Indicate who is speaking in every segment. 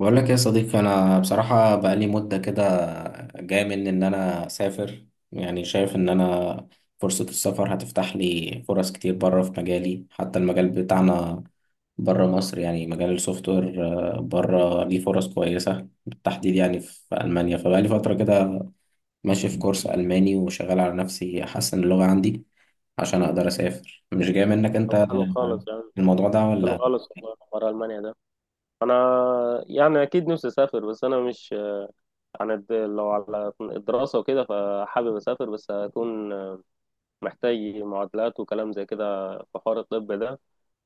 Speaker 1: بقول لك يا صديقي، انا بصراحه بقالي مده كده جاي مني ان انا اسافر. يعني شايف ان انا فرصه السفر هتفتح لي فرص كتير بره في مجالي، حتى المجال بتاعنا بره مصر يعني مجال السوفت وير. بره ليه فرص كويسه بالتحديد يعني في المانيا، فبقالي فتره كده ماشي في كورس الماني وشغال على نفسي احسن اللغه عندي عشان اقدر اسافر. مش جاي منك
Speaker 2: طب
Speaker 1: انت
Speaker 2: حلو خالص يعني،
Speaker 1: الموضوع ده
Speaker 2: حلو
Speaker 1: ولا؟
Speaker 2: خالص والله حوار ألمانيا ده. أنا يعني أكيد نفسي أسافر، بس أنا مش لو على الدراسة وكده فحابب أسافر، بس هكون محتاج معادلات وكلام زي كده في حوار الطب ده.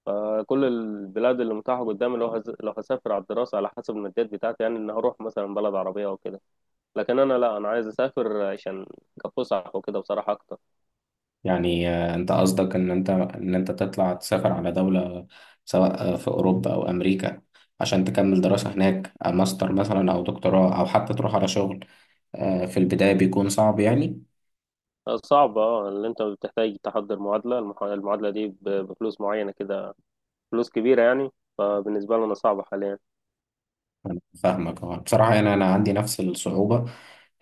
Speaker 2: فكل البلاد اللي متاحة قدامي، لو هسافر على الدراسة على حسب الماديات بتاعتي، يعني إن هروح مثلا بلد عربية أو كده. لكن أنا لا، أنا عايز أسافر عشان كفسح وكده بصراحة أكتر.
Speaker 1: يعني انت قصدك ان انت تطلع تسافر على دولة، سواء في اوروبا او امريكا، عشان تكمل دراسة هناك. ماستر مثلا او دكتوراه او حتى تروح على شغل. في البداية بيكون صعب يعني.
Speaker 2: صعبة، اللي أنت بتحتاج تحضر معادلة، المعادلة دي بفلوس معينة كده، فلوس كبيرة يعني. فبالنسبة لنا صعبة حاليا.
Speaker 1: أنا فاهمك، آه. بصراحة يعني انا عندي نفس الصعوبة،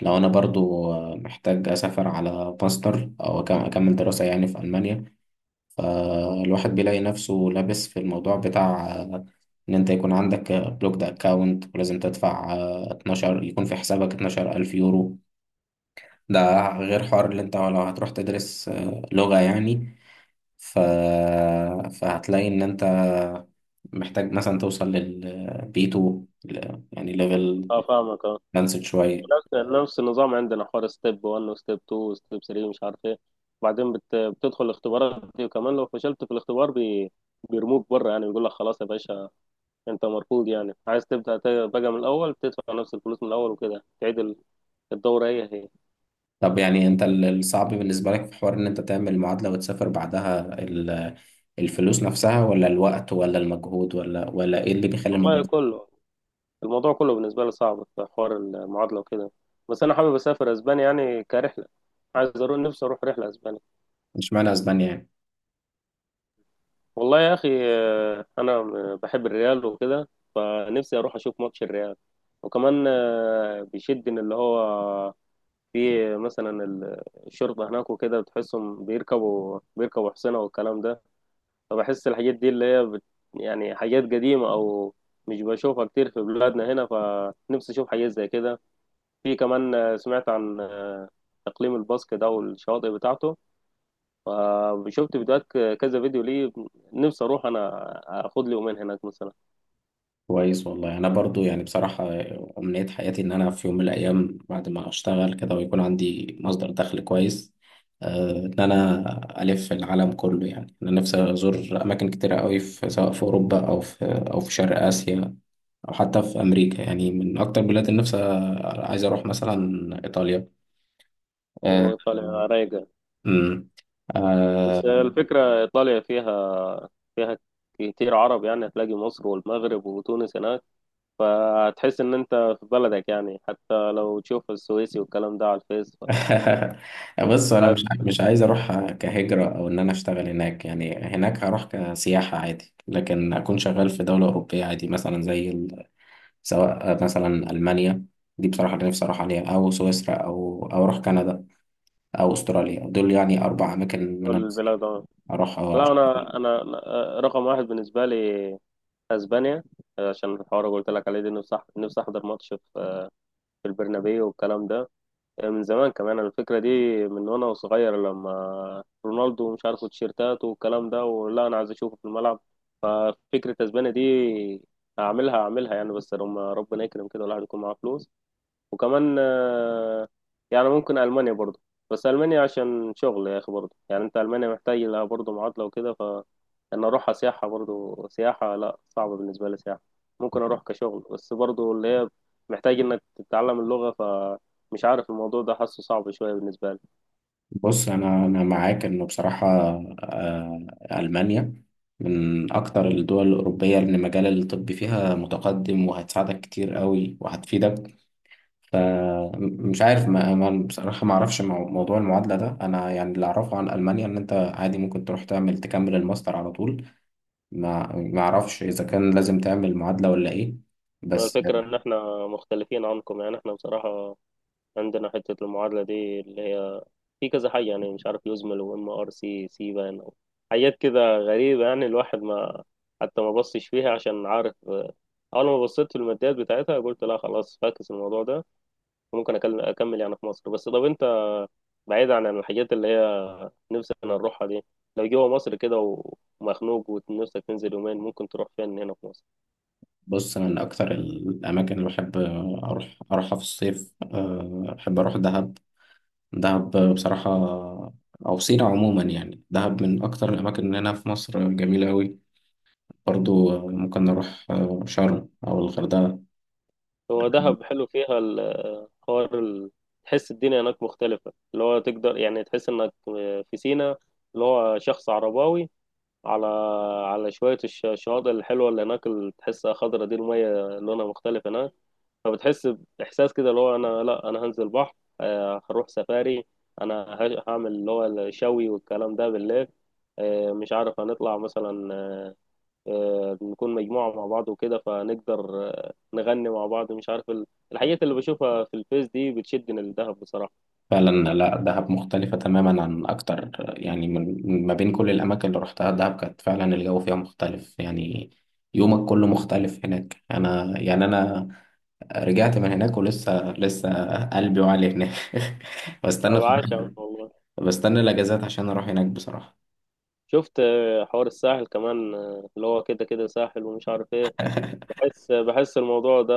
Speaker 1: لو انا برضو محتاج اسافر على ماستر او اكمل دراسة يعني في المانيا. فالواحد بيلاقي نفسه لابس في الموضوع بتاع ان انت يكون عندك بلوكد اكاونت ولازم تدفع 12، يكون في حسابك 12000 الف يورو. ده غير حوار اللي انت لو هتروح تدرس لغة يعني. ف... فهتلاقي ان انت محتاج مثلا توصل للبي 2، يعني ليفل
Speaker 2: اه فاهمك اه.
Speaker 1: ادفانسد شوية.
Speaker 2: نفس نفس النظام عندنا، حوار ستيب 1 وستيب 2 وستيب 3، مش عارف ايه. بعدين بتدخل الاختبارات دي، وكمان لو فشلت في الاختبار بيرموك بره، يعني بيقول لك خلاص يا باشا، انت مرفوض. يعني عايز تبدأ بقى من الاول، تدفع نفس الفلوس من الاول وكده تعيد الدورة هي هي.
Speaker 1: طب يعني انت الصعب بالنسبة لك في حوار ان انت تعمل المعادلة وتسافر بعدها، الفلوس نفسها ولا الوقت ولا المجهود ولا ايه اللي بيخلي الموضوع؟
Speaker 2: والله كله، الموضوع كله بالنسبة لي صعب في حوار المعادلة وكده. بس انا حابب اسافر اسبانيا يعني كرحلة، عايز اروح، نفسي اروح رحلة اسبانيا.
Speaker 1: مش معنى اسبانيا يعني.
Speaker 2: والله يا اخي، انا بحب الريال وكده، فنفسي اروح اشوف ماتش الريال. وكمان بيشد ان اللي هو في مثلا الشرطه هناك وكده، بتحسهم بيركبوا حصنة والكلام ده. فبحس الحاجات دي اللي هي يعني حاجات قديمه او مش بشوفها كتير في بلادنا هنا، فنفسي اشوف حاجات زي كده. في كمان سمعت عن اقليم الباسك ده والشواطئ بتاعته، فشفت فيديوهات، كذا فيديو ليه. نفسي اروح انا، اخد لي يومين هناك مثلا.
Speaker 1: كويس والله. انا برضو يعني بصراحة امنية حياتي ان انا في يوم من الايام بعد ما اشتغل كده ويكون عندي مصدر دخل كويس، ان انا الف العالم كله. يعني انا نفسي ازور اماكن كتيرة قوي، في سواء في اوروبا او في او في شرق اسيا، او حتى في امريكا. يعني من اكتر بلاد النفس، عايز اروح مثلا ايطاليا. آه،
Speaker 2: وإيطاليا رايقة،
Speaker 1: امم.
Speaker 2: بس
Speaker 1: آه.
Speaker 2: الفكرة إيطاليا فيها كتير عرب، يعني هتلاقي مصر والمغرب وتونس هناك، فهتحس إن أنت في بلدك، يعني حتى لو تشوف السويسي والكلام ده على الفيس
Speaker 1: بص، انا مش
Speaker 2: فهتقول
Speaker 1: مش عايز اروح كهجرة او ان انا اشتغل هناك. يعني هناك هروح كسياحة عادي، لكن اكون شغال في دولة اوروبية عادي مثلا زي سواء مثلا المانيا، دي بصراحة اللي نفسي اروح عليها، او سويسرا او اروح كندا، او استراليا. دول يعني اربع اماكن من أنا نفسي
Speaker 2: البلاد، آه.
Speaker 1: اروح.
Speaker 2: لا، أنا رقم واحد بالنسبة لي أسبانيا، عشان الحوار اللي قلت لك عليه دي، نفسي أحضر ماتش في في البرنابيو والكلام ده من زمان كمان. أنا الفكرة دي من وانا صغير، لما رونالدو مش عارف التيشيرتات والكلام ده، ولا انا عايز اشوفه في الملعب. ففكرة اسبانيا دي هعملها يعني، بس لما ربنا يكرم كده والواحد يكون معاه فلوس. وكمان يعني ممكن ألمانيا برضه، بس ألمانيا عشان شغل يا أخي برضه، يعني أنت ألمانيا محتاج لها برضه معادلة وكده، فإن أروحها سياحة برضه، سياحة لا، صعبة بالنسبة لي سياحة. ممكن أروح كشغل بس برضه اللي هي محتاج إنك تتعلم اللغة، فمش عارف الموضوع ده، حاسه صعب شوية بالنسبة لي.
Speaker 1: بص، انا معاك انه بصراحه، آه، المانيا من اكتر الدول الاوروبيه اللي مجال الطب فيها متقدم وهتساعدك كتير قوي وهتفيدك. فمش عارف بصراحه ما اعرفش موضوع المعادله ده انا، يعني اللي اعرفه عن المانيا ان انت عادي ممكن تروح تعمل تكمل الماستر على طول. ما اعرفش اذا كان لازم تعمل معادله ولا ايه. بس.
Speaker 2: الفكرة إن إحنا مختلفين عنكم، يعني إحنا بصراحة عندنا حتة المعادلة دي اللي هي في كذا حاجة، يعني مش عارف يزمل وام ار سي سي بان أو حاجات كده غريبة. يعني الواحد ما، حتى ما بصش فيها عشان عارف، أول ما بصيت في الماديات بتاعتها قلت لا خلاص، فاكس الموضوع ده. وممكن أكمل يعني في مصر. بس طب أنت، بعيد عن الحاجات اللي هي نفسك نروحها دي، لو جوه مصر كده ومخنوق ونفسك تنزل يومين، ممكن تروح فين هنا في مصر؟
Speaker 1: بص، انا من اكتر الاماكن اللي بحب اروحها في الصيف، بحب اروح دهب. دهب بصراحة، أو سينا عموما. يعني دهب من أكتر الأماكن اللي هنا في مصر، جميلة أوي. برضو ممكن نروح شرم أو الغردقة.
Speaker 2: هو دهب حلو فيها حوار تحس الدنيا هناك مختلفة، اللي هو تقدر يعني تحس انك في سينا، اللي هو شخص عرباوي على على شوية الشواطئ الحلوة اللي هناك، اللي تحسها خضرة دي المية، لونها مختلف هناك. فبتحس بإحساس كده، اللي هو أنا لأ أنا هنزل بحر، هروح سفاري، أنا هعمل اللي هو الشوي والكلام ده بالليل، مش عارف هنطلع مثلا، نكون مجموعة مع بعض وكده، فنقدر نغني مع بعض، مش عارف الحاجات اللي بشوفها في الفيس دي بتشدني للدهب بصراحة.
Speaker 1: فعلا لا، دهب مختلفة تماما عن أكتر. يعني ما بين كل الأماكن اللي روحتها، دهب كانت فعلا الجو فيها مختلف يعني. يومك كله مختلف هناك. أنا يعني أنا رجعت من هناك ولسه لسه قلبي وعلي هناك.
Speaker 2: أنا
Speaker 1: بستنى،
Speaker 2: بعشق والله.
Speaker 1: بستنى الأجازات عشان أروح هناك بصراحة.
Speaker 2: شفت حوار الساحل كمان، اللي هو كده كده ساحل ومش عارف ايه. بحس الموضوع ده،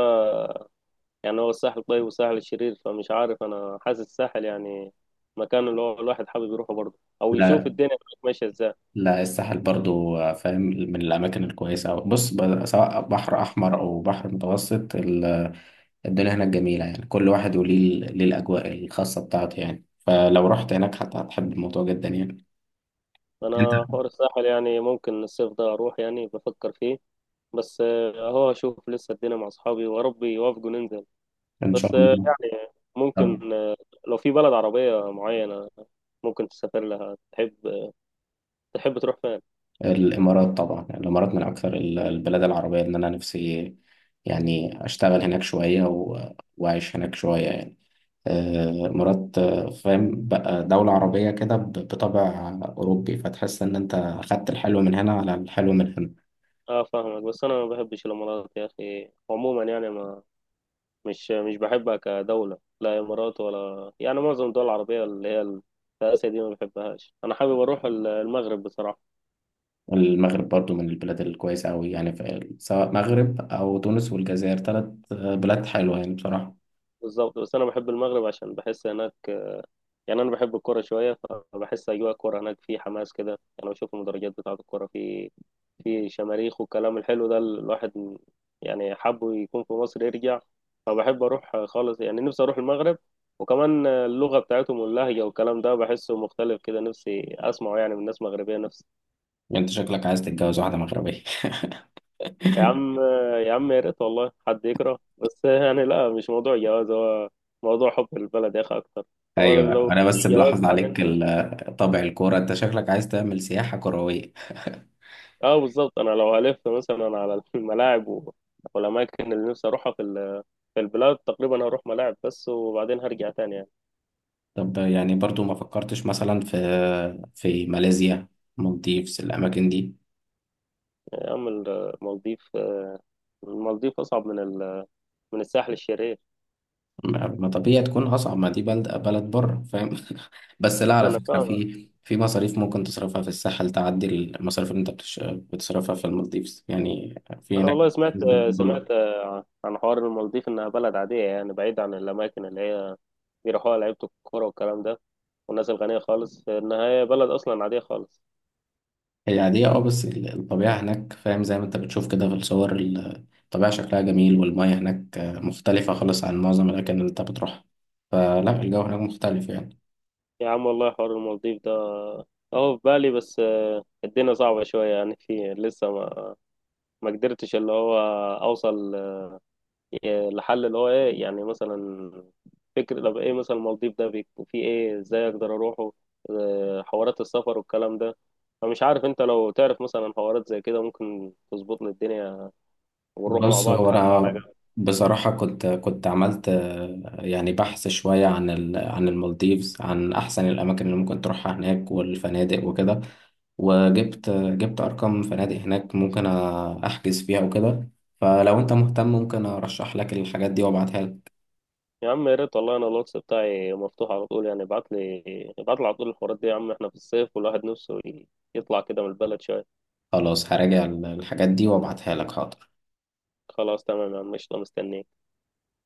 Speaker 2: يعني هو الساحل الطيب والساحل الشرير، فمش عارف. أنا حاسس الساحل يعني مكان اللي هو الواحد حابب يروحه برضه، أو يشوف
Speaker 1: لا،
Speaker 2: الدنيا هناك ماشية ازاي.
Speaker 1: لا، الساحل برضو فاهم من الأماكن الكويسة أوي. بص، سواء بحر أحمر أو بحر متوسط، الدنيا هناك جميلة. يعني كل واحد وليه، ليه الأجواء الخاصة بتاعته. يعني فلو رحت هناك حتى هتحب الموضوع جدا يعني. أنت؟
Speaker 2: أنا حوار الساحل يعني ممكن الصيف ده أروح، يعني بفكر فيه. بس اهو اشوف لسه الدنيا مع اصحابي وربي يوافقوا ننزل.
Speaker 1: إن
Speaker 2: بس
Speaker 1: شاء الله.
Speaker 2: يعني
Speaker 1: طب،
Speaker 2: ممكن، لو في بلد عربية معينة ممكن تسافر لها، تحب تروح فين؟
Speaker 1: الإمارات طبعا. الإمارات من أكثر البلاد العربية إن أنا نفسي يعني أشتغل هناك شوية وأعيش هناك شوية يعني. مرات، فاهم بقى، دولة عربية كده بطابع أوروبي، فتحس إن أنت أخدت الحلو من هنا على الحلو من هنا.
Speaker 2: اه فاهمك. بس انا ما بحبش الامارات يا اخي عموما، يعني ما، مش بحبها كدولة، لا امارات ولا يعني معظم الدول العربية اللي هي في اسيا دي ما بحبهاش. انا حابب اروح المغرب بصراحة.
Speaker 1: والمغرب برضو من البلاد الكويسة أوي. يعني سواء مغرب أو تونس والجزائر، تلات بلاد حلوة يعني بصراحة.
Speaker 2: بالظبط، بس انا بحب المغرب عشان بحس هناك، يعني انا بحب الكوره شويه، فبحس اجواء الكوره هناك في حماس كده، يعني بشوف المدرجات بتاعه الكوره في شماريخ والكلام الحلو ده. الواحد يعني حابه يكون في مصر يرجع، فبحب اروح خالص يعني، نفسي اروح المغرب. وكمان اللغه بتاعتهم واللهجه والكلام ده بحسه مختلف كده، نفسي اسمعه يعني من ناس مغربيه نفسي.
Speaker 1: يعني أنت شكلك عايز تتجوز واحدة مغربية.
Speaker 2: يا عم، يا عم يا ريت والله حد يكره، بس يعني لا، مش موضوع جواز، هو موضوع حب البلد يا اخي اكتر. هو
Speaker 1: أيوة،
Speaker 2: لو
Speaker 1: أنا
Speaker 2: في
Speaker 1: بس
Speaker 2: جواز
Speaker 1: بلاحظ عليك
Speaker 2: بعدين.
Speaker 1: طابع الكورة. أنت شكلك عايز تعمل سياحة كروية.
Speaker 2: اه بالظبط، انا لو هلف مثلا على الملاعب والاماكن اللي نفسي اروحها في في البلاد تقريبا، هروح ملاعب بس وبعدين هرجع تاني يعني.
Speaker 1: طب، يعني برضو ما فكرتش مثلا في ماليزيا، المالديفز، الأماكن دي؟
Speaker 2: يا عم المالديف، المالديف اصعب من من الساحل الشرير.
Speaker 1: ما ما طبيعي تكون أصعب، ما دي بلد بلد بره فاهم. بس لا، على
Speaker 2: انا
Speaker 1: فكرة
Speaker 2: فاهم.
Speaker 1: في مصاريف ممكن تصرفها في الساحل تعدي المصاريف اللي أنت بتصرفها في المالديفز يعني. في
Speaker 2: انا
Speaker 1: هناك
Speaker 2: والله سمعت
Speaker 1: دولار.
Speaker 2: عن حوار المالديف، انها بلد عاديه يعني، بعيد عن الاماكن اللي هي بيروحوها لعيبه الكوره والكلام ده والناس الغنيه خالص، انها هي بلد اصلا عاديه خالص.
Speaker 1: هي عادية، اه، بس الطبيعة هناك فاهم زي ما أنت بتشوف كده في الصور، الطبيعة شكلها جميل، والمية هناك مختلفة خالص عن معظم الأماكن اللي أنت بتروحها. فلا، الجو هناك مختلف يعني.
Speaker 2: يا عم والله حوار المالديف ده اهو في بالي، بس الدنيا صعبه شويه يعني. في لسه ما قدرتش اللي هو اوصل لحل اللي هو ايه، يعني مثلا فكر طب ايه مثلا المالديف ده بيكون فيه ايه، ازاي اقدر اروحه، حوارات السفر والكلام ده. فمش عارف انت لو تعرف مثلا حوارات زي كده، ممكن تظبط لي الدنيا ونروح مع
Speaker 1: بص،
Speaker 2: بعض
Speaker 1: هو
Speaker 2: حتى على
Speaker 1: انا
Speaker 2: جنب.
Speaker 1: بصراحه كنت عملت يعني بحث شويه عن عن المالديفز، عن احسن الاماكن اللي ممكن تروحها هناك والفنادق وكده، وجبت ارقام فنادق هناك ممكن احجز فيها وكده. فلو انت مهتم ممكن ارشح لك الحاجات دي وابعتها لك.
Speaker 2: يا عم يا ريت والله، انا الواتس بتاعي مفتوح على طول يعني، ابعت لي على طول الحوارات دي يا عم، احنا في الصيف والواحد نفسه يطلع كده من البلد شوية.
Speaker 1: خلاص، هراجع الحاجات دي وابعتها لك، حاضر.
Speaker 2: خلاص تمام يا عم، قشطة، مستنيك.